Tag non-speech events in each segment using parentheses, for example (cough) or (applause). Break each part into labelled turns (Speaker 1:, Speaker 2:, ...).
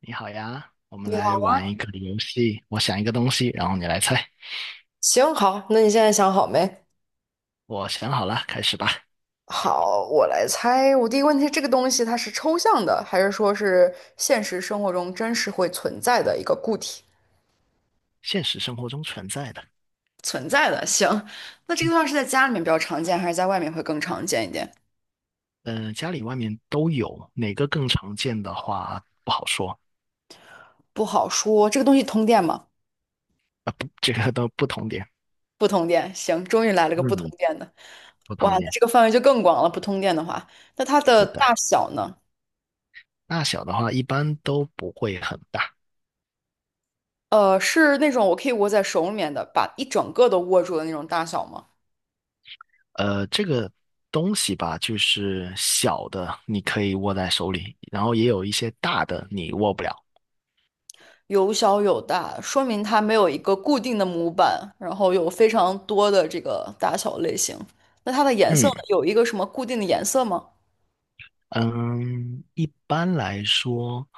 Speaker 1: 你好呀，我们来玩一个游戏。我想一个东西，然后你来猜。
Speaker 2: 行，好，那你现在想好没？
Speaker 1: 我想好了，开始吧。
Speaker 2: 好，我来猜。我第一个问题，这个东西它是抽象的，还是说是现实生活中真实会存在的一个固体？
Speaker 1: 现实生活中存在的，
Speaker 2: 存在的，行。那这个东西是在家里面比较常见，还是在外面会更常见一点？
Speaker 1: 嗯、家里外面都有，哪个更常见的话不好说。
Speaker 2: 不好说。这个东西通电吗？
Speaker 1: 不，这个都不同点。
Speaker 2: 不通电。行，终于来了个不通
Speaker 1: 嗯，
Speaker 2: 电的。
Speaker 1: 不
Speaker 2: 哇，
Speaker 1: 同
Speaker 2: 那
Speaker 1: 点，
Speaker 2: 这个范围就更广了。不通电的话，那它的
Speaker 1: 是的。
Speaker 2: 大小呢？
Speaker 1: 大小的话一般都不会很大。
Speaker 2: 是那种我可以握在手里面的，把一整个都握住的那种大小吗？
Speaker 1: 这个东西吧，就是小的你可以握在手里，然后也有一些大的你握不了。
Speaker 2: 有小有大，说明它没有一个固定的模板，然后有非常多的这个大小类型。那它的颜色
Speaker 1: 嗯，
Speaker 2: 呢，有一个什么固定的颜色吗？
Speaker 1: 嗯，一般来说，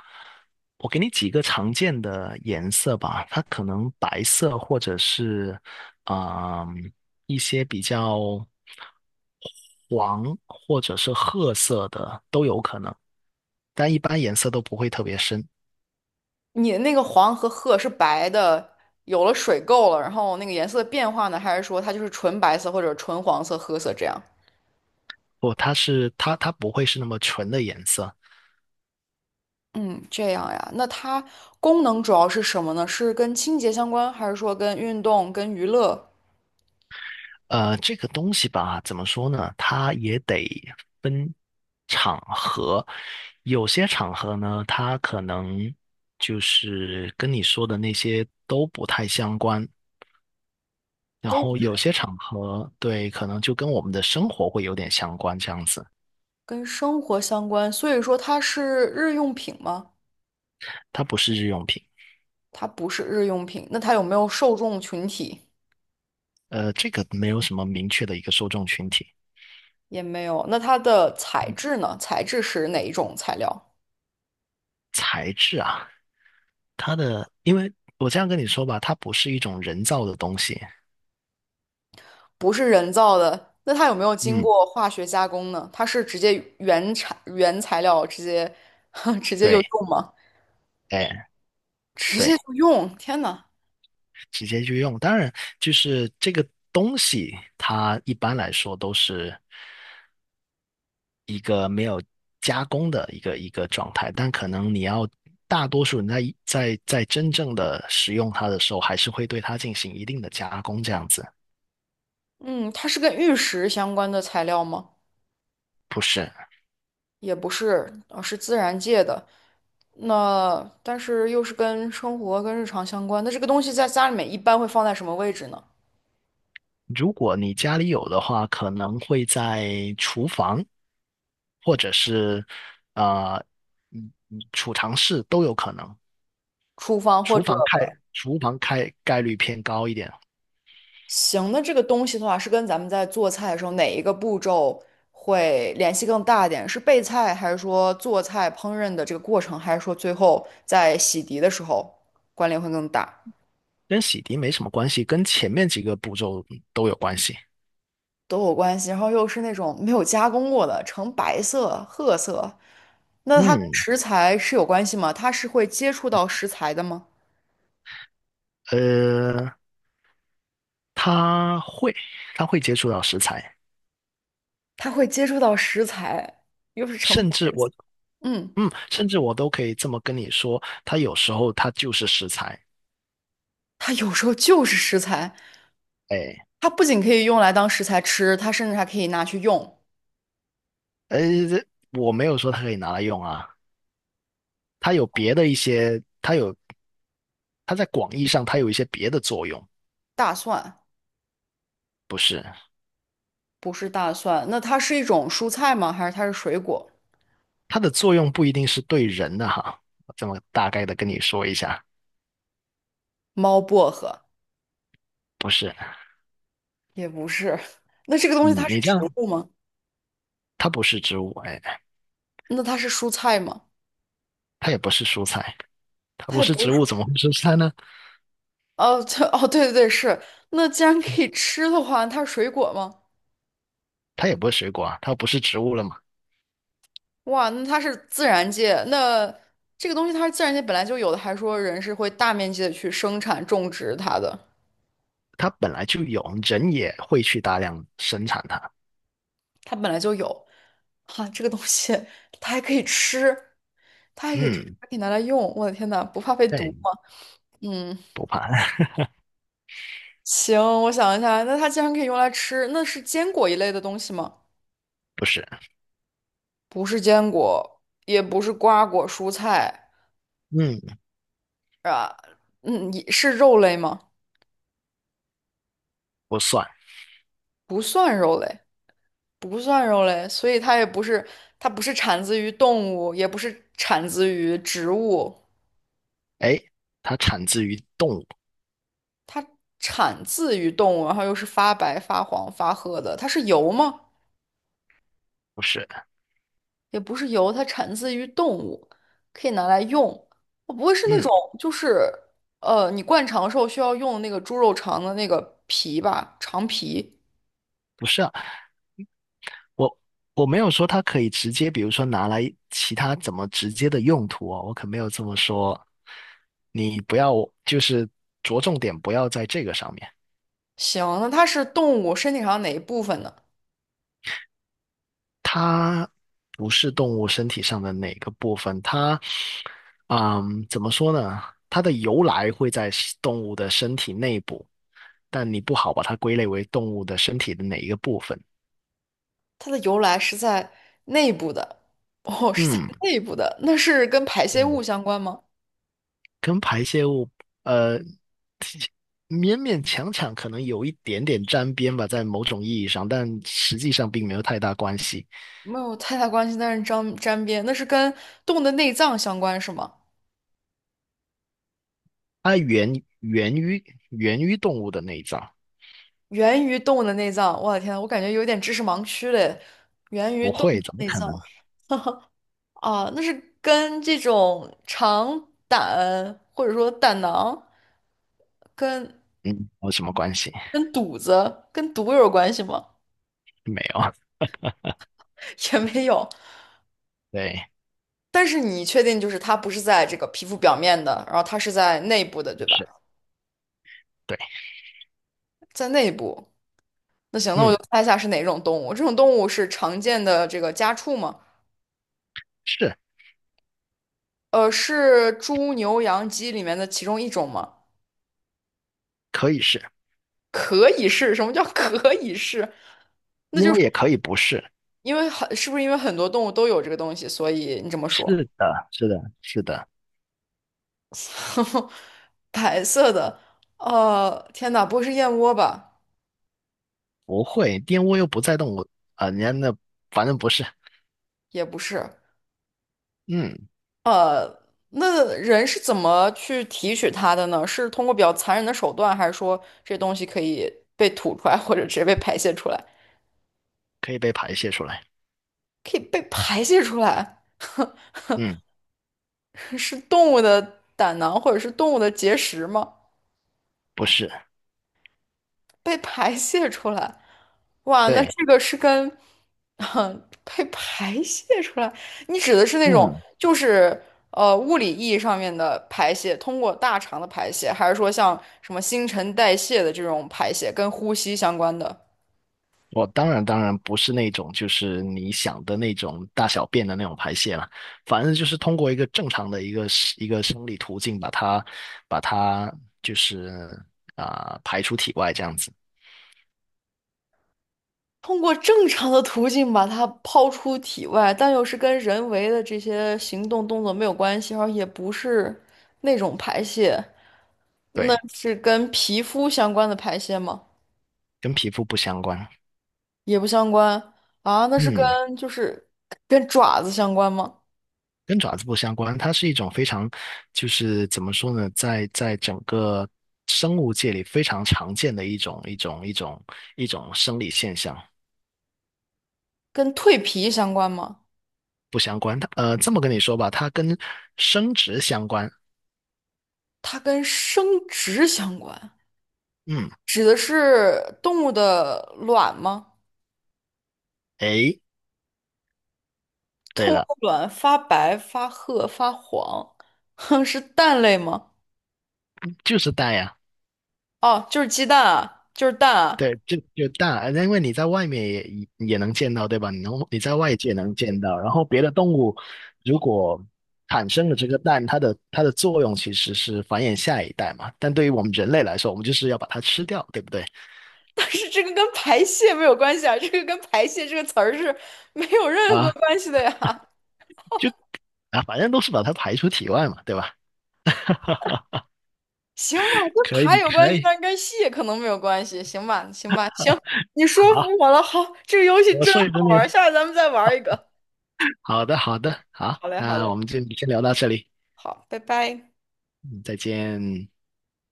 Speaker 1: 我给你几个常见的颜色吧，它可能白色或者是嗯一些比较黄或者是褐色的都有可能，但一般颜色都不会特别深。
Speaker 2: 你那个黄和褐是白的，有了水垢了，然后那个颜色变化呢，还是说它就是纯白色或者纯黄色、褐色这样？
Speaker 1: 不，它不会是那么纯的颜色。
Speaker 2: 嗯，这样呀。那它功能主要是什么呢？是跟清洁相关，还是说跟运动、跟娱乐
Speaker 1: 这个东西吧，怎么说呢？它也得分场合，有些场合呢，它可能就是跟你说的那些都不太相关，然
Speaker 2: 都不
Speaker 1: 后有
Speaker 2: 太
Speaker 1: 些场合，对，可能就跟我们的生活会有点相关，这样子。
Speaker 2: 跟生活相关？所以说它是日用品吗？
Speaker 1: 它不是日用品。
Speaker 2: 它不是日用品，那它有没有受众群体？
Speaker 1: 这个没有什么明确的一个受众群体。
Speaker 2: 也没有。那它的材
Speaker 1: 嗯
Speaker 2: 质呢？材质是哪一种材料？
Speaker 1: 它的，因为我这样跟你说吧，它不是一种人造的东西。
Speaker 2: 不是人造的。那它有没有经
Speaker 1: 嗯，
Speaker 2: 过化学加工呢？它是直接原产原材料直接 (laughs) 直接就
Speaker 1: 对，
Speaker 2: 用吗？
Speaker 1: 哎，
Speaker 2: 直
Speaker 1: 对。
Speaker 2: 接就用？天呐，
Speaker 1: 直接就用。当然，就是这个东西，它一般来说都是一个没有加工的一个状态，但可能你要大多数人在真正的使用它的时候，还是会对它进行一定的加工，这样子。
Speaker 2: 嗯，它是跟玉石相关的材料吗？
Speaker 1: 不是。
Speaker 2: 也不是，是自然界的。那但是又是跟生活跟日常相关。那这个东西在家里面一般会放在什么位置呢？
Speaker 1: 如果你家里有的话，可能会在厨房，或者是呃，储藏室都有可能。
Speaker 2: 厨房或
Speaker 1: 厨
Speaker 2: 者？
Speaker 1: 房开，厨房开概率偏高一点。
Speaker 2: 行，那这个东西的话，是跟咱们在做菜的时候哪一个步骤会联系更大一点？是备菜，还是说做菜烹饪的这个过程，还是说最后在洗涤的时候关联会更大？
Speaker 1: 跟洗涤没什么关系，跟前面几个步骤都有关系。
Speaker 2: 都有关系。然后又是那种没有加工过的，呈白色、褐色，那它跟
Speaker 1: 嗯，
Speaker 2: 食材是有关系吗？它是会接触到食材的吗？
Speaker 1: 呃，他会，他会接触到食材。
Speaker 2: 它会接触到食材，又是成，白
Speaker 1: 甚至
Speaker 2: 的，
Speaker 1: 我，
Speaker 2: 嗯，
Speaker 1: 甚至我都可以这么跟你说，他有时候他就是食材。
Speaker 2: 它有时候就是食材，
Speaker 1: 哎，
Speaker 2: 它不仅可以用来当食材吃，它甚至还可以拿去用。
Speaker 1: 呃，我没有说它可以拿来用啊。它有别的一些，它有，它在广义上它有一些别的作用。
Speaker 2: 大蒜
Speaker 1: 不是。
Speaker 2: 不是大蒜，那它是一种蔬菜吗？还是它是水果？
Speaker 1: 它的作用不一定是对人的哈，我这么大概的跟你说一下。
Speaker 2: 猫薄荷
Speaker 1: 不是，
Speaker 2: 也不是，(laughs) 那这个东西它
Speaker 1: 嗯，
Speaker 2: 是
Speaker 1: 你这
Speaker 2: 植
Speaker 1: 样，
Speaker 2: 物吗？
Speaker 1: 它不是植物，哎。
Speaker 2: 那它是蔬菜吗？
Speaker 1: 它也不是蔬菜，它
Speaker 2: 它
Speaker 1: 不
Speaker 2: 也
Speaker 1: 是
Speaker 2: 不
Speaker 1: 植
Speaker 2: 是
Speaker 1: 物，
Speaker 2: 蔬。
Speaker 1: 怎么会是蔬菜呢？
Speaker 2: 哦，这哦，对对对，是。那既然可以吃的话，它是水果吗？
Speaker 1: 它也不是水果啊，它不是植物了嘛。
Speaker 2: 哇，那它是自然界，那这个东西它是自然界本来就有的，还说人是会大面积的去生产种植它的，
Speaker 1: 它本来就有，人也会去大量生产它。
Speaker 2: 它本来就有。哈、这个东西它还可以吃，它还可以吃，
Speaker 1: 嗯，
Speaker 2: 还可以拿来用。我的天呐，不怕被毒
Speaker 1: 对，
Speaker 2: 吗？嗯，
Speaker 1: 不怕，
Speaker 2: 行，我想一下，那它既然可以用来吃，那是坚果一类的东西吗？
Speaker 1: (laughs) 不是，
Speaker 2: 不是坚果，也不是瓜果蔬菜
Speaker 1: 嗯，
Speaker 2: 啊，嗯，也是肉类吗？
Speaker 1: 不算。
Speaker 2: 不算肉类，不算肉类，所以它也不是，它不是产自于动物，也不是产自于植物，
Speaker 1: 哎，它产自于动物。
Speaker 2: 它产自于动物，然后又是发白、发黄、发褐的，它是油吗？
Speaker 1: 不是，
Speaker 2: 也不是油，它产自于动物，可以拿来用。我不会是那
Speaker 1: 嗯，
Speaker 2: 种就是你灌肠时候需要用那个猪肉肠的那个皮吧，肠皮。
Speaker 1: 我我没有说它可以直接，比如说拿来其他怎么直接的用途哦，我可没有这么说。你不要，就是着重点不要在这个上面。
Speaker 2: 行，那它是动物身体上哪一部分呢？
Speaker 1: 它不是动物身体上的哪个部分。它，怎么说呢？它的由来会在是动物的身体内部，但你不好把它归类为动物的身体的哪一个部分。
Speaker 2: 它的由来是在内部的，哦，是在内部的，那是跟排
Speaker 1: 嗯，
Speaker 2: 泄物相关吗？
Speaker 1: 跟排泄物，呃，勉勉强强可能有一点点沾边吧，在某种意义上，但实际上并没有太大关系。
Speaker 2: 没有太大关系，但是沾沾边，那是跟动物的内脏相关是吗？
Speaker 1: 它源源于源于动物的内脏。
Speaker 2: 源于动物的内脏，我的天，我感觉有点知识盲区嘞。源于
Speaker 1: 不
Speaker 2: 动物
Speaker 1: 会，
Speaker 2: 的
Speaker 1: 怎么
Speaker 2: 内
Speaker 1: 可
Speaker 2: 脏。
Speaker 1: 能？
Speaker 2: 啊，那是跟这种肠胆或者说胆囊跟
Speaker 1: 嗯，有什么关系？
Speaker 2: 肚子跟毒有关系吗？
Speaker 1: 没有。
Speaker 2: (laughs) 也没有。
Speaker 1: 对，
Speaker 2: 但是你确定就是它不是在这个皮肤表面的，然后它是在内部的，对吧？
Speaker 1: 是，对，
Speaker 2: 在内部。那行，那我
Speaker 1: 嗯，
Speaker 2: 就猜一下是哪种动物？这种动物是常见的这个家畜吗？
Speaker 1: 是，
Speaker 2: 是猪、牛、羊、鸡里面的其中一种吗？
Speaker 1: 可以是，
Speaker 2: 可以是，什么叫可以是？
Speaker 1: 因为也可以不是。
Speaker 2: 因为很，是不是因为很多动物都有这个东西，所以你这么说？
Speaker 1: 是的，是的，是的。
Speaker 2: (laughs) 白色的，天哪，不会是燕窝吧？
Speaker 1: 不会，玷污又不在动物。人家那反正不是。
Speaker 2: 也不是，
Speaker 1: 嗯，
Speaker 2: 呃，那人是怎么去提取它的呢？是通过比较残忍的手段，还是说这东西可以被吐出来，或者直接被排泄出来？
Speaker 1: 可以被排泄出来。
Speaker 2: 可以被排泄出来，
Speaker 1: 嗯，
Speaker 2: (laughs) 是动物的胆囊或者是动物的结石吗？
Speaker 1: 不是，
Speaker 2: 被排泄出来，哇，那
Speaker 1: 对，
Speaker 2: 这个是跟，哼，被排泄出来，你指的是那种
Speaker 1: 嗯，
Speaker 2: 就是物理意义上面的排泄，通过大肠的排泄，还是说像什么新陈代谢的这种排泄，跟呼吸相关的？
Speaker 1: 我当然不是那种就是你想的那种大小便的那种排泄了。反正就是通过一个正常的一个生理途径把它把它就是排出体外这样子。
Speaker 2: 通过正常的途径把它抛出体外，但又是跟人为的这些行动动作没有关系，而也不是那种排泄，那
Speaker 1: 对，
Speaker 2: 是跟皮肤相关的排泄吗？
Speaker 1: 跟皮肤不相关。
Speaker 2: 也不相关啊，那是
Speaker 1: 嗯。
Speaker 2: 跟就是跟爪子相关吗？
Speaker 1: 跟爪子不相关。它是一种非常，就是怎么说呢，在整个生物界里非常常见的一种生理现象。
Speaker 2: 跟蜕皮相关吗？
Speaker 1: 不相关。它这么跟你说吧，它跟生殖相关。
Speaker 2: 它跟生殖相关，
Speaker 1: 嗯，
Speaker 2: 指的是动物的卵吗？
Speaker 1: 诶，对
Speaker 2: 动物
Speaker 1: 了。
Speaker 2: 的卵发白、发褐、发黄，哼，是蛋类吗？
Speaker 1: 就是带呀、
Speaker 2: 哦，就是鸡蛋啊，就是蛋啊。
Speaker 1: 对。就大，因为你在外面也能见到，对吧？你在外界能见到，然后别的动物如果产生了这个蛋，它的作用其实是繁衍下一代嘛。但对于我们人类来说，我们就是要把它吃掉，对不对？
Speaker 2: (laughs) 但是这个跟排泄没有关系啊，这个跟排泄这个词儿是没有任何
Speaker 1: 啊，
Speaker 2: 关系的呀。
Speaker 1: 就反正都是把它排出体外嘛，对吧？(laughs)
Speaker 2: 行吧，跟
Speaker 1: 可
Speaker 2: 爬
Speaker 1: 以，
Speaker 2: 有关
Speaker 1: 可
Speaker 2: 系，
Speaker 1: 以。
Speaker 2: 但跟戏可能没有关系。行吧，行吧，行，你说服
Speaker 1: 好，
Speaker 2: 我了。好，这个游戏
Speaker 1: 我
Speaker 2: 真
Speaker 1: 说一个
Speaker 2: 好
Speaker 1: 你。
Speaker 2: 玩儿下次咱们再玩儿一个。
Speaker 1: 好的，好的，好，
Speaker 2: 好嘞，好
Speaker 1: 那我
Speaker 2: 嘞，
Speaker 1: 们就先聊到这里。
Speaker 2: 好，拜拜。
Speaker 1: 嗯，再见。